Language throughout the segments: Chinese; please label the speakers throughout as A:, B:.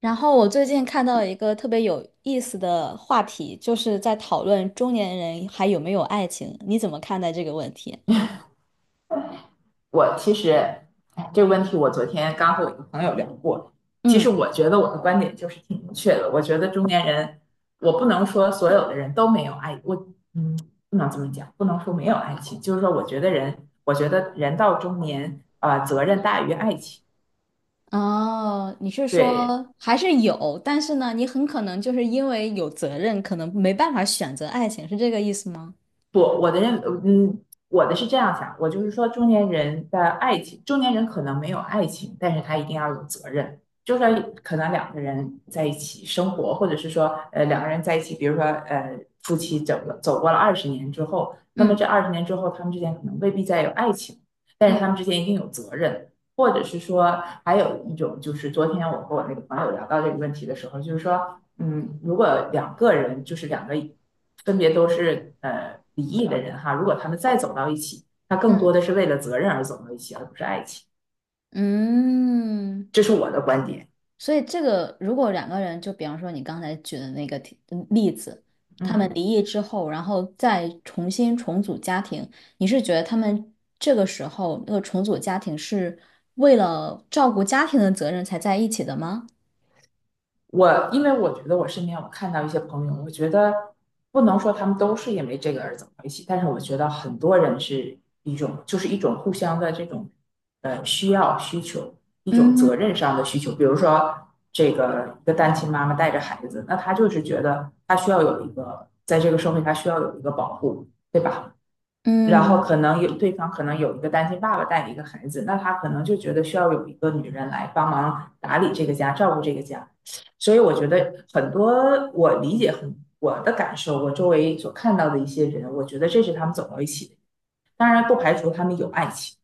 A: 然后我最近看到了一个特别有意思的话题，就是在讨论中年人还有没有爱情，你怎么看待这个问题？
B: 我其实，哎。这个问题我昨天刚和我一个朋友聊过。其实
A: 嗯，
B: 我觉得我的观点就是挺明确的。我觉得中年人，我不能说所有的人都没有爱，嗯，不能这么讲，不能说没有爱情。就是说，我觉得人，我觉得人到中年，啊，责任大于爱情。
A: 哦，你是
B: 对，
A: 说还是有，但是呢，你很可能就是因为有责任，可能没办法选择爱情，是这个意思吗？
B: 不，我的是这样想，我就是说，中年人的爱情，中年人可能没有爱情，但是他一定要有责任。就算可能两个人在一起生活，或者是说，两个人在一起，比如说，夫妻走过了二十年之后，那么这
A: 嗯
B: 二十年之后，他们之间可能未必再有爱情，但是他们
A: 嗯
B: 之间一定有责任。或者是说，还有一种，就是昨天我和我那个朋友聊到这个问题的时候，就是说。如果两个人，就是两个分别都是离异的人哈，如果他们再走到一起，那更多
A: 嗯
B: 的是为了责任而走到一起，而不是爱情。
A: 嗯，
B: 这是我的观点。
A: 所以这个如果两个人，就比方说你刚才举的那个 例子，他们
B: 嗯。
A: 离异之后，然后再重新重组家庭，你是觉得他们这个时候那个重组家庭是为了照顾家庭的责任才在一起的吗？
B: 我因为我觉得我身边我看到一些朋友，我觉得不能说他们都是因为这个而走到一起，但是我觉得很多人是一种互相的这种需求，一种责任
A: 嗯
B: 上的需求。比如说这个一个单亲妈妈带着孩子，那她就是觉得她需要有一个在这个社会她需要有一个保护，对吧？然后
A: 嗯。
B: 可能有对方可能有一个单亲爸爸带一个孩子，那他可能就觉得需要有一个女人来帮忙打理这个家，照顾这个家。所以我觉得很多我理解很我的感受，我周围所看到的一些人，我觉得这是他们走到一起的。当然不排除他们有爱情。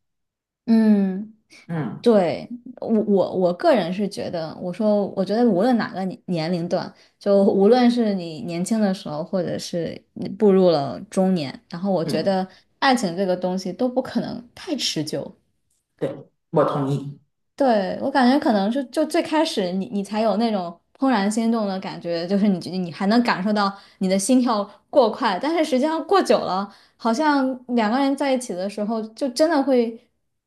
A: 嗯。
B: 嗯
A: 对，我个人是觉得，我说我觉得无论哪个年龄段，就无论是你年轻的时候，或者是你步入了中年，然后我觉
B: 嗯，
A: 得爱情这个东西都不可能太持久。
B: 对，我同意。
A: 对，我感觉可能是就最开始你才有那种怦然心动的感觉，就是你还能感受到你的心跳过快，但是实际上过久了，好像两个人在一起的时候，就真的会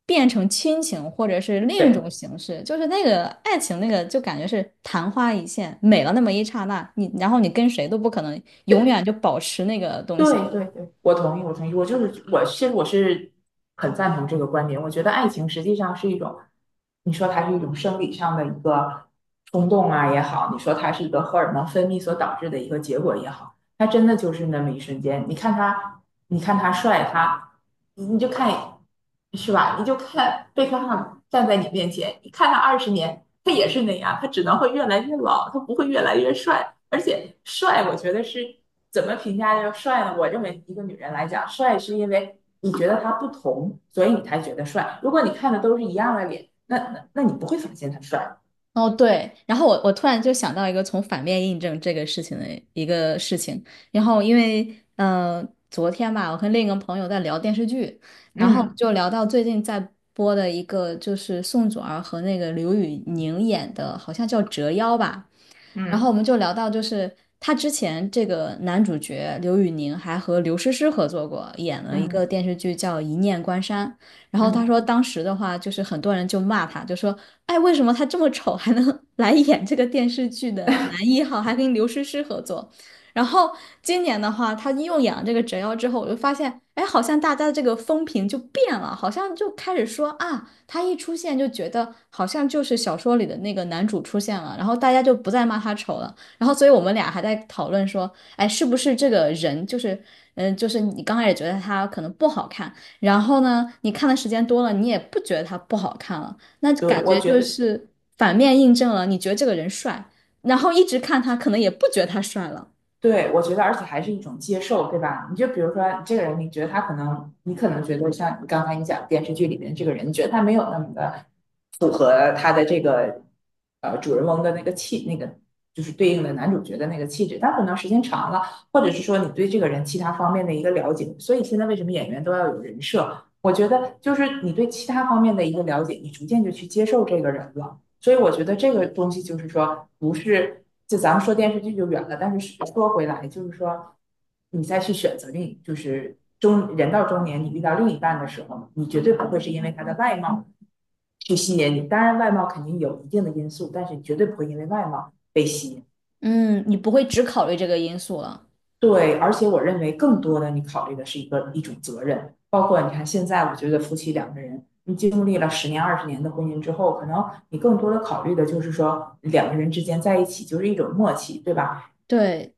A: 变成亲情或者是另一种
B: 对
A: 形式，就是那个爱情那个就感觉是昙花一现，美了那么一刹那，然后你跟谁都不可能永
B: 对，
A: 远就保持那个东西。
B: 对对对，我同意，我同意，我其实我是很赞同这个观点。我觉得爱情实际上是一种，你说它是一种生理上的一个冲动啊也好，你说它是一个荷尔蒙分泌所导致的一个结果也好，它真的就是那么一瞬间。你看他，你看他帅，他你就看，是吧？你就看贝克汉姆站在你面前，你看他二十年，他也是那样，他只能会越来越老，他不会越来越帅。而且帅，我觉得是怎么评价叫帅呢？我认为一个女人来讲，帅是因为你觉得他不同，所以你才觉得帅。如果你看的都是一样的脸，那你不会发现他帅。
A: 哦，对，然后我突然就想到一个从反面印证这个事情的一个事情，然后因为昨天吧，我跟另一个朋友在聊电视剧，然后
B: 嗯
A: 就聊到最近在播的一个就是宋祖儿和那个刘宇宁演的，好像叫《折腰》吧，然后
B: 嗯
A: 我们就聊到，就是他之前这个男主角刘宇宁还和刘诗诗合作过，演了一个
B: 嗯
A: 电视剧叫《一念关山》。然后他
B: 嗯，
A: 说，当时的话就是很多人就骂他，就说："哎，为什么他这么丑还能 来演这个电视剧的男一号，还跟刘诗诗合作？"然后今年的话，他又演了这个折腰之后，我就发现，哎，好像大家的这个风评就变了，好像就开始说啊。他一出现就觉得好像就是小说里的那个男主出现了，然后大家就不再骂他丑了。然后，所以我们俩还在讨论说，哎，是不是这个人就是，就是你刚开始觉得他可能不好看，然后呢，你看的时间多了，你也不觉得他不好看了，那感
B: 对，我
A: 觉
B: 觉
A: 就
B: 得
A: 是反面印证了你觉得这个人帅，然后一直看他，可能也不觉得他帅了。
B: 对，我觉得，而且还是一种接受，对吧？你就比如说，这个人，你觉得他可能，你可能觉得像你刚才你讲电视剧里面这个人，你觉得他没有那么的符合他的这个主人翁的那个气，那个就是对应的男主角的那个气质。但可能时间长了，或者是说你对这个人其他方面的一个了解，所以现在为什么演员都要有人设？我觉得就是你对其他方面的一个了解，你逐渐就去接受这个人了。所以我觉得这个东西就是说，不是就咱们说电视剧就远了，但是说回来，就是说你再去选择另，就是中人到中年，你遇到另一半的时候，你绝对不会是因为他的外貌去吸引你。当然，外貌肯定有一定的因素，但是你绝对不会因为外貌被吸引。
A: 嗯，你不会只考虑这个因素了。
B: 对，而且我认为更多的你考虑的是一个一种责任，包括你看现在，我觉得夫妻两个人，你经历了十年、二十年的婚姻之后，可能你更多的考虑的就是说两个人之间在一起就是一种默契，对吧？
A: 对，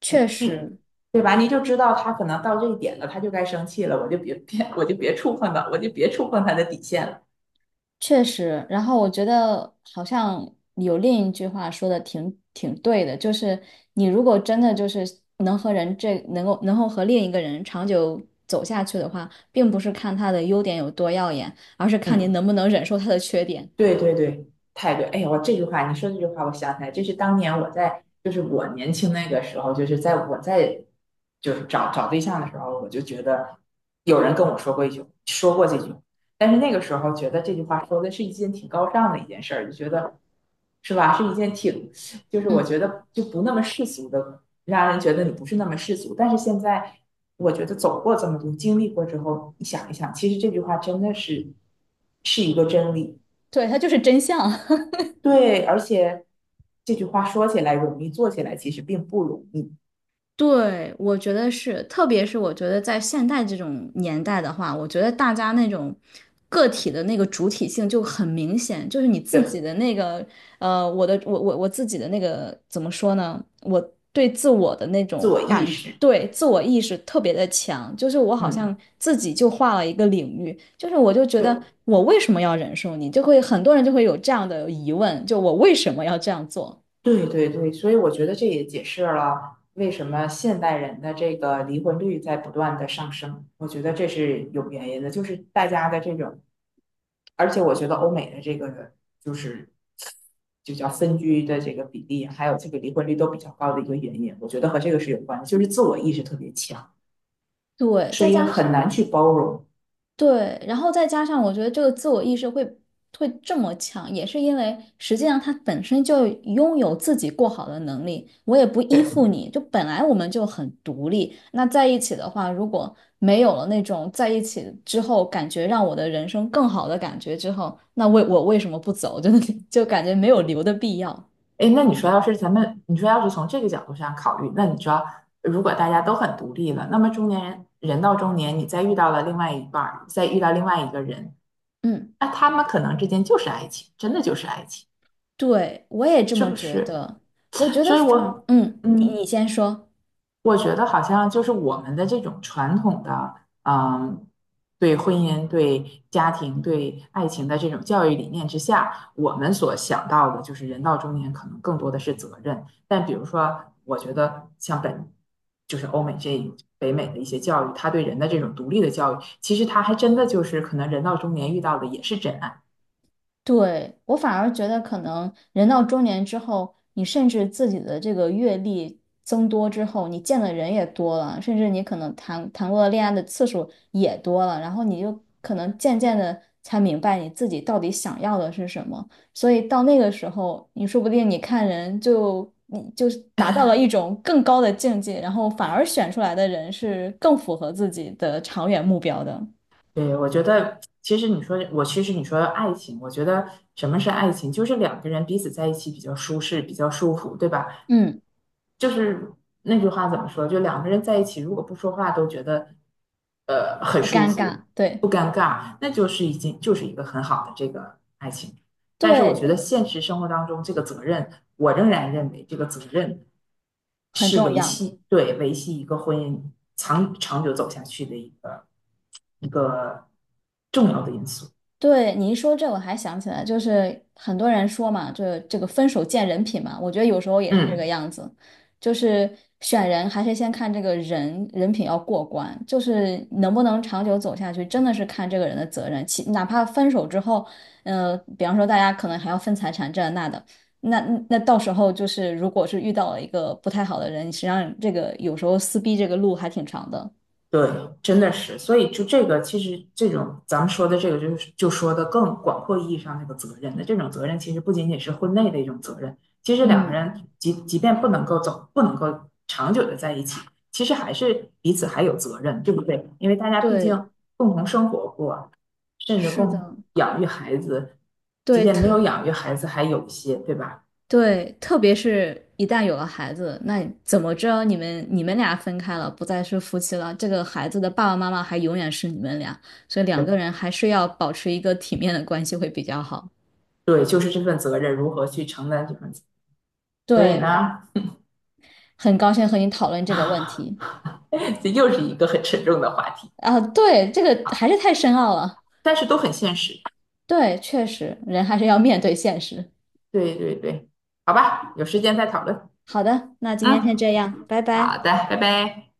A: 确
B: 你，
A: 实。
B: 对吧？你就知道他可能到这一点了，他就该生气了，我就别触碰到，我就别触碰他的底线了。
A: 确实，然后我觉得好像有另一句话说的挺对的，就是你如果真的就是能够和另一个人长久走下去的话，并不是看他的优点有多耀眼，而是看你
B: 嗯，
A: 能不能忍受他的缺点。
B: 对对对，太对！哎呦，我这句话你说这句话，我想起来，这是当年我在，就是我年轻那个时候，就是在就是找找对象的时候，我就觉得有人跟我说过一句，说过这句话，但是那个时候觉得这句话说的是一件挺高尚的一件事儿，就觉得是吧，是一件挺，就是我
A: 嗯，
B: 觉得就不那么世俗的，让人觉得你不是那么世俗。但是现在我觉得走过这么多，经历过之后，你想一想，其实这句话真的是一个真理。
A: 对，他就是真相。
B: 对，而且这句话说起来容易，做起来其实并不容易。
A: 对，我觉得是，特别是我觉得在现代这种年代的话，我觉得大家那种个体的那个主体性就很明显，就是你自己
B: 对，
A: 的那个，我自己的那个怎么说呢？我对自我的那
B: 自
A: 种
B: 我意
A: 感觉，
B: 识，
A: 对自我意识特别的强，就是我好
B: 嗯，
A: 像自己就画了一个领域，就是我就觉
B: 对，
A: 得我为什么要忍受你，就会很多人就会有这样的疑问，就我为什么要这样做？
B: 对对对，所以我觉得这也解释了为什么现代人的这个离婚率在不断的上升。我觉得这是有原因的，就是大家的这种，而且我觉得欧美的这个就是就叫分居的这个比例，还有这个离婚率都比较高的一个原因，我觉得和这个是有关的，就是自我意识特别强，
A: 对，
B: 所
A: 再
B: 以
A: 加
B: 很难
A: 上。
B: 去包容。
A: 对，然后再加上我觉得这个自我意识会这么强，也是因为实际上他本身就拥有自己过好的能力，我也不依附你，就本来我们就很独立，那在一起的话，如果没有了那种在一起之后感觉让我的人生更好的感觉之后，那我为什么不走？就感觉没有留的必要。
B: 哎，那你说，要是咱们，你说要是从这个角度上考虑，那你知道，如果大家都很独立了，那么中年人，人到中年，你再遇到了另外一半儿，再遇到另外一个人，
A: 嗯，
B: 那他们可能之间就是爱情，真的就是爱情，
A: 对，我也这
B: 是
A: 么
B: 不
A: 觉
B: 是？
A: 得。我觉得
B: 所以
A: 反，
B: 我，
A: 嗯，你
B: 嗯。
A: 你先说。
B: 我觉得好像就是我们的这种传统的，嗯，对婚姻、对家庭、对爱情的这种教育理念之下，我们所想到的就是人到中年可能更多的是责任。但比如说，我觉得像本就是欧美这北美的一些教育，对人人的这种独立其实还真就是可能到中年遇也爱。
A: 对，我反而觉得，可能人到中年之后，你甚至自己的这个阅历增多之后，你见的人也多了，甚至你可能谈过的恋爱的次数也多了，然后你就可能渐渐的才明白你自己到底想要的是什么。所以到那个时候，你说不定你就是达到了一种更高的境界，然后反而选出来的人是更符合自己的长远目标的。
B: 对，我觉得其实你说我其实你说爱情，我觉得什么是爱情，就是两个人彼此在一起比较舒适，比较舒服，对吧？
A: 嗯，
B: 就是那句话怎么说？就两个人在一起，如果不说话都觉得很
A: 不
B: 舒
A: 尴
B: 服，
A: 尬，
B: 不
A: 对
B: 尴尬，那就是已经就是一个很好的这个爱情。但是我觉得
A: 对，
B: 现实生活当中，这个责任，我仍然认为这个责任
A: 很
B: 是
A: 重
B: 维
A: 要。
B: 系，对，维系一个婚姻长久走下去的一个。一个重要的因素。
A: 对，你一说这，我还想起来，就是很多人说嘛，这个分手见人品嘛，我觉得有时候也是这个
B: 嗯，
A: 样子，就是选人还是先看这个人人品要过关，就是能不能长久走下去，真的是看这个人的责任。哪怕分手之后，比方说大家可能还要分财产这那的，那那到时候就是如果是遇到了一个不太好的人，实际上这个有时候撕逼这个路还挺长的。
B: 对，真的是，所以就这个，其实这种咱们说的这个，就是就说的更广阔意义上那个责任的这种责任，其实不仅仅是婚内的一种责任，其实两个
A: 嗯，
B: 人即便不能够走，不能够长久的在一起，其实还是彼此还有责任，对不对？因为大家毕竟
A: 对，
B: 共同生活过，甚至
A: 是
B: 共
A: 的，
B: 同养育孩子，即
A: 对，
B: 便没有养育孩子，还有一些，对吧？
A: 对，特别是一旦有了孩子，那怎么着你们俩分开了，不再是夫妻了，这个孩子的爸爸妈妈还永远是你们俩，所以两个人还是要保持一个体面的关系会比较好。
B: 对，就是这份责任如何去承担所以
A: 对，
B: 呢，
A: 很高兴和你讨论这个问题。
B: 这又是一个很沉重的话题，
A: 啊，对，这个还是太深奥了。
B: 但是都很现实。
A: 对，确实，人还是要面对现实。
B: 对对对，好吧，有时间再讨论。
A: 好的，那今
B: 嗯，
A: 天先这样，拜
B: 好
A: 拜。
B: 的，拜拜。